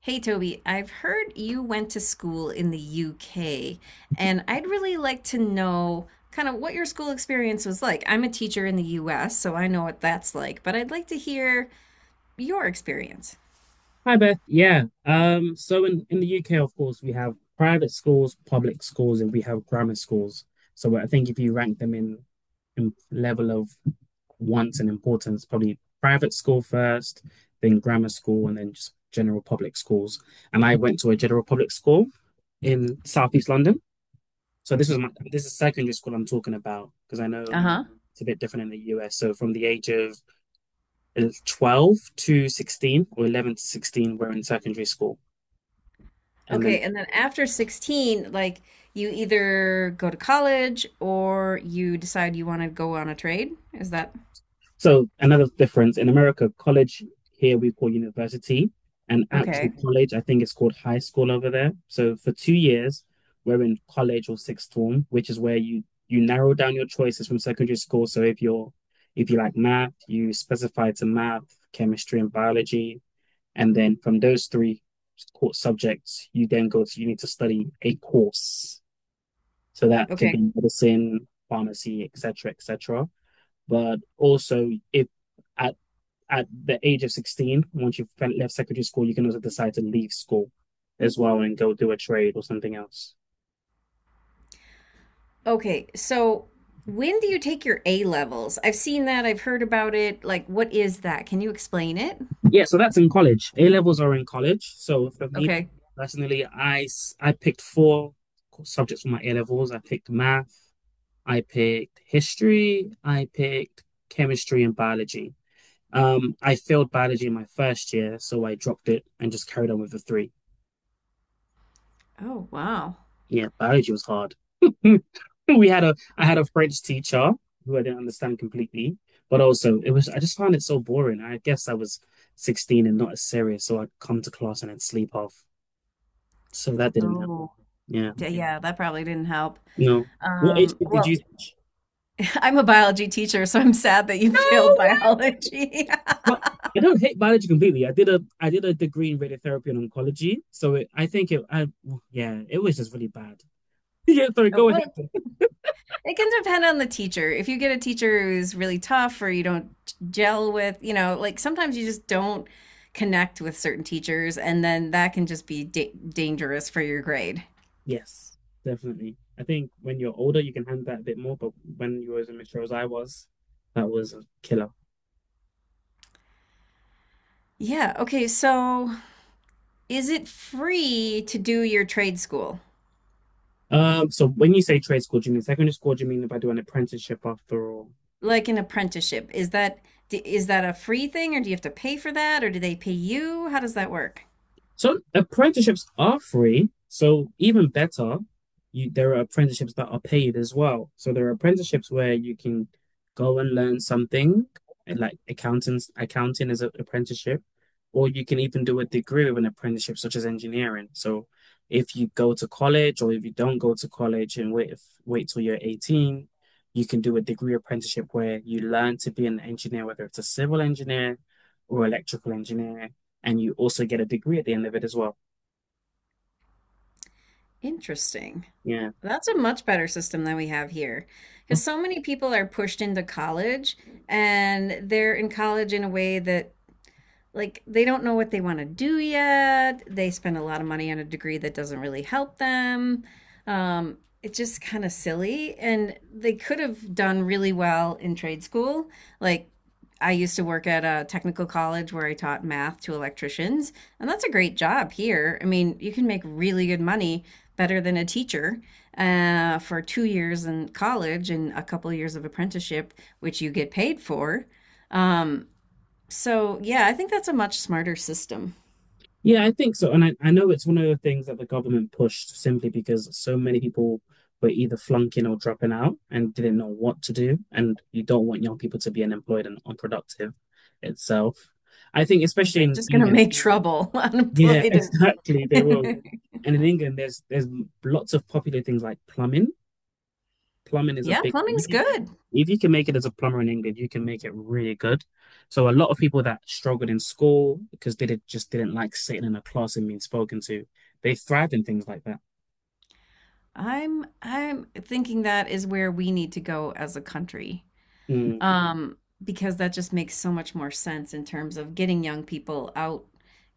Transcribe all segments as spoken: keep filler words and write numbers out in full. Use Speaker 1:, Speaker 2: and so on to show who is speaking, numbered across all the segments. Speaker 1: Hey Toby, I've heard you went to school in the U K, and I'd really like to know kind of what your school experience was like. I'm a teacher in the U S, so I know what that's like, but I'd like to hear your experience.
Speaker 2: Hi Beth. Yeah. Um, so in, in the U K, of course, we have private schools, public schools, and we have grammar schools. So I think if you rank them in, in level of wants and importance, probably private school first, then grammar school, and then just general public schools. And I went to a general public school in Southeast London. So this was my this is secondary school I'm talking about, because I know
Speaker 1: Uh-huh.
Speaker 2: it's a bit different in the U S. So from the age of uh, twelve to sixteen or eleven to sixteen, we're in secondary school. And then,
Speaker 1: Okay, and then after sixteen, like you either go to college or you decide you want to go on a trade. Is that—
Speaker 2: so another difference in America: college, here we call university, and actual
Speaker 1: Okay.
Speaker 2: college, I think, it's called high school over there. So for two years, we're in college or sixth form, which is where you you narrow down your choices from secondary school. So if you're if you like math, you specify to math, chemistry, and biology, and then from those three core subjects, you then go to you need to study a course. So that could
Speaker 1: Okay.
Speaker 2: be medicine, pharmacy, et cetera, et cetera. But also, if at at the age of sixteen, once you've left secondary school, you can also decide to leave school as well and go do a trade or something else.
Speaker 1: Okay. So when do you take your A levels? I've seen that, I've heard about it. Like, what is that? Can you explain it?
Speaker 2: Yeah, so that's in college. A levels are in college. So for me
Speaker 1: Okay.
Speaker 2: personally, I I picked four subjects for my A levels. I picked math, I picked history, I picked chemistry and biology. Um, I failed biology in my first year, so I dropped it and just carried on with the three.
Speaker 1: Oh, wow.
Speaker 2: Yeah, biology was hard. We had a I had a French teacher who I didn't understand completely, but also, it was, I just found it so boring. I guess I was sixteen and not as serious, so I'd come to class and I'd sleep off. So that didn't help.
Speaker 1: Oh,
Speaker 2: Yeah.
Speaker 1: d- yeah, that probably didn't help.
Speaker 2: No. What age
Speaker 1: Um,
Speaker 2: group did you
Speaker 1: well,
Speaker 2: teach?
Speaker 1: I'm a biology teacher, so I'm sad that you
Speaker 2: No
Speaker 1: failed
Speaker 2: way.
Speaker 1: biology.
Speaker 2: Well, I don't hate biology completely. I did a I did a degree in radiotherapy and oncology, so it, I think it I yeah, it was just really bad. Yeah, sorry, go ahead.
Speaker 1: Well, it can depend on the teacher. If you get a teacher who's really tough or you don't gel with, you know, like sometimes you just don't connect with certain teachers, and then that can just be da dangerous for your grade.
Speaker 2: Yes, definitely. I think when you're older, you can handle that a bit more, but when you were as immature as I was, that was a killer.
Speaker 1: Yeah, okay, so is it free to do your trade school?
Speaker 2: Um, so when you say trade school, do you mean secondary school? Do you mean if I do an apprenticeship after all?
Speaker 1: Like an apprenticeship, is that is that a free thing? Or do you have to pay for that? Or do they pay you? How does that work?
Speaker 2: So apprenticeships are free. So even better, you there are apprenticeships that are paid as well. So there are apprenticeships where you can go and learn something, and, like accountants, accounting is an apprenticeship, or you can even do a degree with an apprenticeship, such as engineering. So if you go to college, or if you don't go to college and wait if, wait till you're eighteen, you can do a degree apprenticeship where you learn to be an engineer, whether it's a civil engineer or electrical engineer, and you also get a degree at the end of it as well.
Speaker 1: Interesting.
Speaker 2: Yeah.
Speaker 1: That's a much better system than we have here, because so many people are pushed into college, and they're in college in a way that like they don't know what they want to do yet. They spend a lot of money on a degree that doesn't really help them. Um, it's just kind of silly. And they could have done really well in trade school. Like I used to work at a technical college where I taught math to electricians, and that's a great job here. I mean, you can make really good money, better than a teacher, uh, for two years in college and a couple years of apprenticeship, which you get paid for. Um, so, yeah, I think that's a much smarter system.
Speaker 2: Yeah, I think so. And I, I know it's one of the things that the government pushed, simply because so many people were either flunking or dropping out and didn't know what to do. And you don't want young people to be unemployed and unproductive itself. I think especially
Speaker 1: They're
Speaker 2: in
Speaker 1: just going to
Speaker 2: England,
Speaker 1: make trouble
Speaker 2: yeah,
Speaker 1: unemployed
Speaker 2: exactly, they will.
Speaker 1: and—
Speaker 2: And in England, there's there's lots of popular things like plumbing. Plumbing is a
Speaker 1: Yeah,
Speaker 2: big,
Speaker 1: plumbing's
Speaker 2: if you
Speaker 1: good.
Speaker 2: if you can make it as a plumber in England, you can make it really good. So a lot of people that struggled in school, because they did, just didn't like sitting in a class and being spoken to, they thrived in things like that.
Speaker 1: I'm I'm thinking that is where we need to go as a country.
Speaker 2: Mm.
Speaker 1: um, because that just makes so much more sense in terms of getting young people out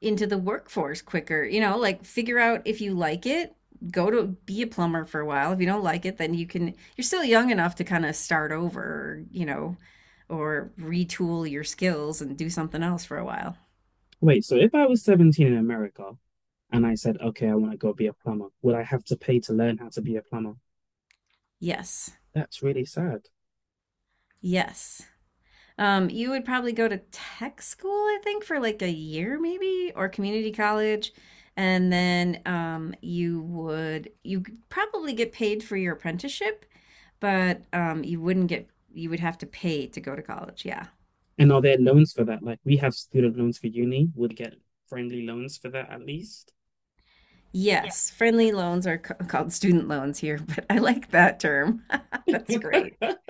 Speaker 1: into the workforce quicker. You know, like figure out if you like it, go to be a plumber for a while. If you don't like it, then you can, you're still young enough to kind of start over, you know, or retool your skills and do something else for a while.
Speaker 2: Wait, so if I was seventeen in America and I said, okay, I want to go be a plumber, would I have to pay to learn how to be a plumber?
Speaker 1: Yes.
Speaker 2: That's really sad.
Speaker 1: Yes. Um, you would probably go to tech school, I think, for like a year maybe, or community college, and then um, you would you could probably get paid for your apprenticeship, but um, you wouldn't get you would have to pay to go to college. Yeah.
Speaker 2: And are there loans for that? Like, we have student loans for uni; would get friendly loans for that at least.
Speaker 1: Yes, friendly loans are ca- called student loans here, but I like that term. That's great.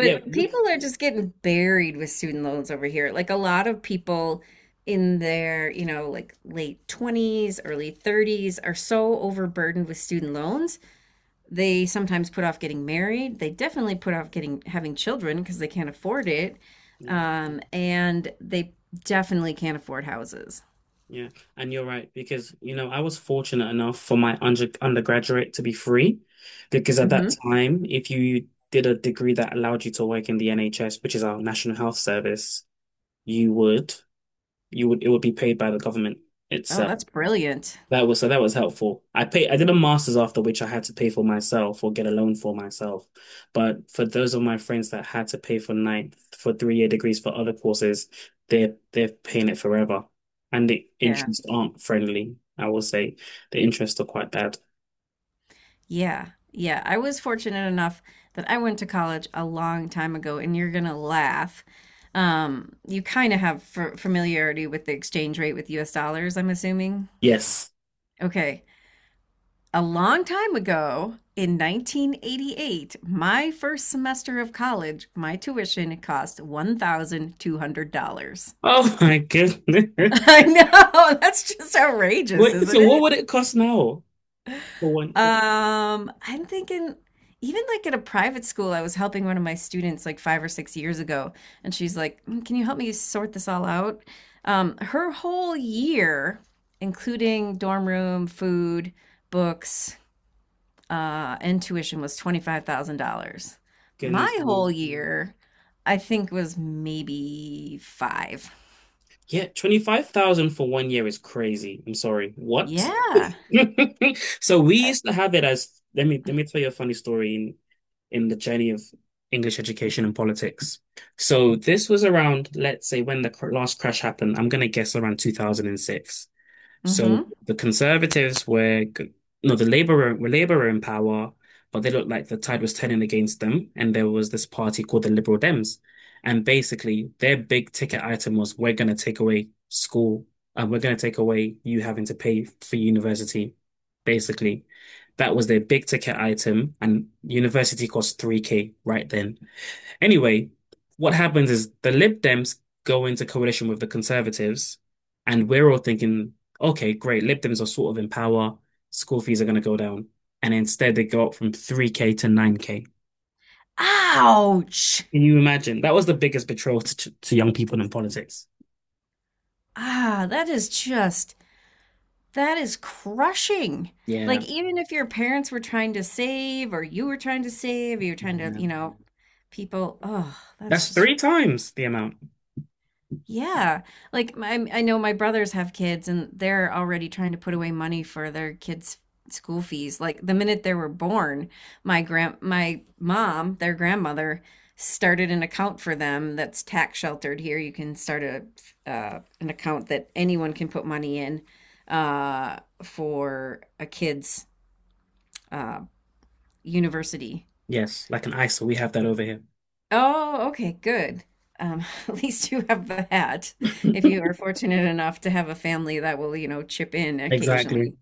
Speaker 2: Yeah. We-
Speaker 1: people are just getting buried with student loans over here. Like a lot of people in their, you know, like late twenties, early thirties are so overburdened with student loans. They sometimes put off getting married. They definitely put off getting having children because they can't afford it.
Speaker 2: yeah.
Speaker 1: Um, and they definitely can't afford houses.
Speaker 2: Yeah, and you're right, because, you know, I was fortunate enough for my under undergraduate to be free, because at that
Speaker 1: Hmm.
Speaker 2: time if you did a degree that allowed you to work in the N H S, which is our National Health Service, you would you would it would be paid by the government
Speaker 1: Oh,
Speaker 2: itself.
Speaker 1: that's brilliant.
Speaker 2: That was, so that was helpful. I pay I did a master's after, which I had to pay for myself or get a loan for myself. But for those of my friends that had to pay for nine for three year degrees for other courses, they're they're paying it forever. And the
Speaker 1: Yeah.
Speaker 2: interests aren't friendly, I will say. The interests are quite bad.
Speaker 1: Yeah. Yeah. I was fortunate enough that I went to college a long time ago, and you're gonna laugh. Um, you kind of have f familiarity with the exchange rate with U S dollars, I'm assuming.
Speaker 2: Yes.
Speaker 1: Okay. A long time ago, in nineteen eighty-eight, my first semester of college, my tuition cost one thousand two hundred dollars.
Speaker 2: Oh my goodness.
Speaker 1: I know, that's just outrageous,
Speaker 2: What,
Speaker 1: isn't
Speaker 2: so what
Speaker 1: it?
Speaker 2: would it cost now for one?
Speaker 1: Um, I'm thinking even like at a private school, I was helping one of my students like five or six years ago, and she's like, "Mm, Can you help me sort this all out?" Um, her whole year, including dorm room, food, books, uh, and tuition, was twenty-five thousand dollars.
Speaker 2: Goodness
Speaker 1: My
Speaker 2: me.
Speaker 1: whole year, I think was maybe five.
Speaker 2: Yeah, twenty-five thousand for one year is crazy. I'm sorry. What?
Speaker 1: Yeah.
Speaker 2: So we used to have it as let me let me tell you a funny story in in the journey of English education and politics. So this was around, let's say, when the cr- last crash happened. I'm gonna guess around two thousand six. So
Speaker 1: Mm-hmm.
Speaker 2: the Conservatives were, g- no, the Labour were, were Labour were in power, but they looked like the tide was turning against them. And there was this party called the Liberal Dems. And basically, their big ticket item was, we're going to take away school, and we're going to take away you having to pay for university, basically. That was their big ticket item. And university cost three K right then. Anyway, what happens is the Lib Dems go into coalition with the Conservatives, and we're all thinking, okay, great, Lib Dems are sort of in power, school fees are going to go down. And instead, they go up from three K to nine K.
Speaker 1: Ouch.
Speaker 2: Can you imagine? That was the biggest betrayal to, to young people in politics.
Speaker 1: Ah, that is just That is crushing. Like,
Speaker 2: Yeah.
Speaker 1: even if your parents were trying to save, or you were trying to save, you are trying to, you know, people, oh, that's
Speaker 2: That's
Speaker 1: just—
Speaker 2: three times the amount.
Speaker 1: Yeah. Like my, I know my brothers have kids, and they're already trying to put away money for their kids' school fees. Like the minute they were born, my grand my mom, their grandmother, started an account for them that's tax sheltered here. You can start a uh, an account that anyone can put money in uh for a kid's uh university.
Speaker 2: Yes, like an ISO. We have that over here.
Speaker 1: Oh, okay, good. Um, at least you have that. If you are fortunate enough to have a family that will, you know, chip in
Speaker 2: Exactly.
Speaker 1: occasionally.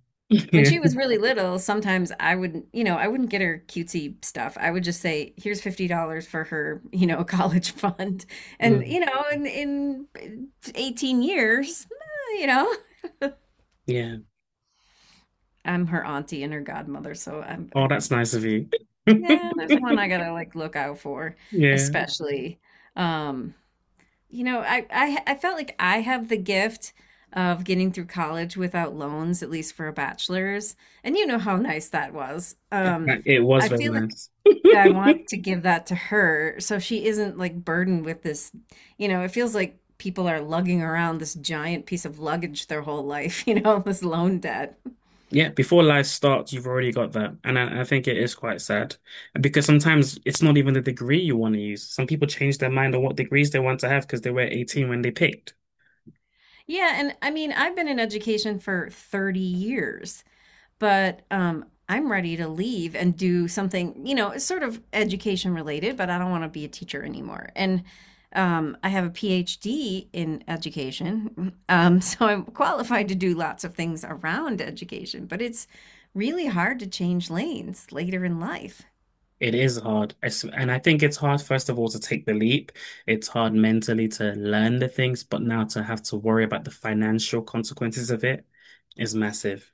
Speaker 1: When
Speaker 2: Yeah.
Speaker 1: she was really little, sometimes I would, you know, I wouldn't get her cutesy stuff. I would just say, "Here's fifty dollars for her, you know, college fund." And
Speaker 2: Mm,
Speaker 1: you know, in in eighteen years, eh, you know,
Speaker 2: yeah.
Speaker 1: I'm her auntie and her godmother, so I'm,
Speaker 2: Oh,
Speaker 1: I,
Speaker 2: that's nice of you.
Speaker 1: yeah, there's one I gotta like look out for,
Speaker 2: Yeah.
Speaker 1: especially. Um, you know, I, I I felt like I have the gift of getting through college without loans, at least for a bachelor's. And you know how nice that was.
Speaker 2: It,
Speaker 1: Um,
Speaker 2: it was
Speaker 1: I
Speaker 2: very
Speaker 1: feel like
Speaker 2: nice.
Speaker 1: I want to give that to her so she isn't like burdened with this, you know, it feels like people are lugging around this giant piece of luggage their whole life, you know, this loan debt.
Speaker 2: Yeah, before life starts, you've already got that. And I, I think it is quite sad, because sometimes it's not even the degree you want to use. Some people change their mind on what degrees they want to have because they were eighteen when they picked.
Speaker 1: Yeah, and I mean, I've been in education for thirty years. but um, I'm ready to leave and do something, you know, it's sort of education related, but I don't want to be a teacher anymore. And um, I have a P H D in education, um, so I'm qualified to do lots of things around education, but it's really hard to change lanes later in life.
Speaker 2: It is hard. It's- And I think it's hard, first of all, to take the leap. It's hard mentally to learn the things, but now to have to worry about the financial consequences of it is massive.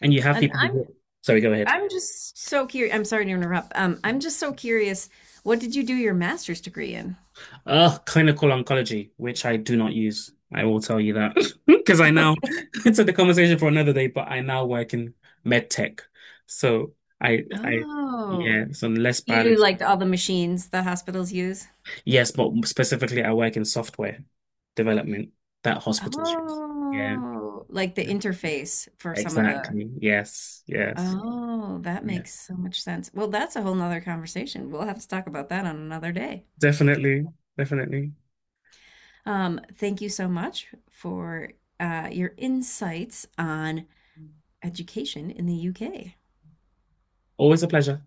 Speaker 2: And you have
Speaker 1: And
Speaker 2: people
Speaker 1: I'm
Speaker 2: who, sorry, go ahead.
Speaker 1: I'm just so curious. I'm sorry to interrupt. Um, I'm just so curious. What did you do your master's degree in?
Speaker 2: Uh, clinical oncology, which I do not use. I will tell you that. Because I now
Speaker 1: Okay.
Speaker 2: it's a conversation for another day, but I now work in med tech. So I, I,
Speaker 1: Oh,
Speaker 2: yeah, so I'm less
Speaker 1: you do
Speaker 2: biology.
Speaker 1: like all the machines the hospitals use?
Speaker 2: Yes, but specifically, I work in software development that hospitals use. Yeah,
Speaker 1: Oh, like the interface for some of the—
Speaker 2: exactly. Yes, yes,
Speaker 1: Oh, that
Speaker 2: yeah,
Speaker 1: makes so much sense. Well, that's a whole nother conversation. We'll have to talk about that on another day.
Speaker 2: definitely, definitely.
Speaker 1: Um, thank you so much for uh, your insights on education in the U K.
Speaker 2: Always a pleasure.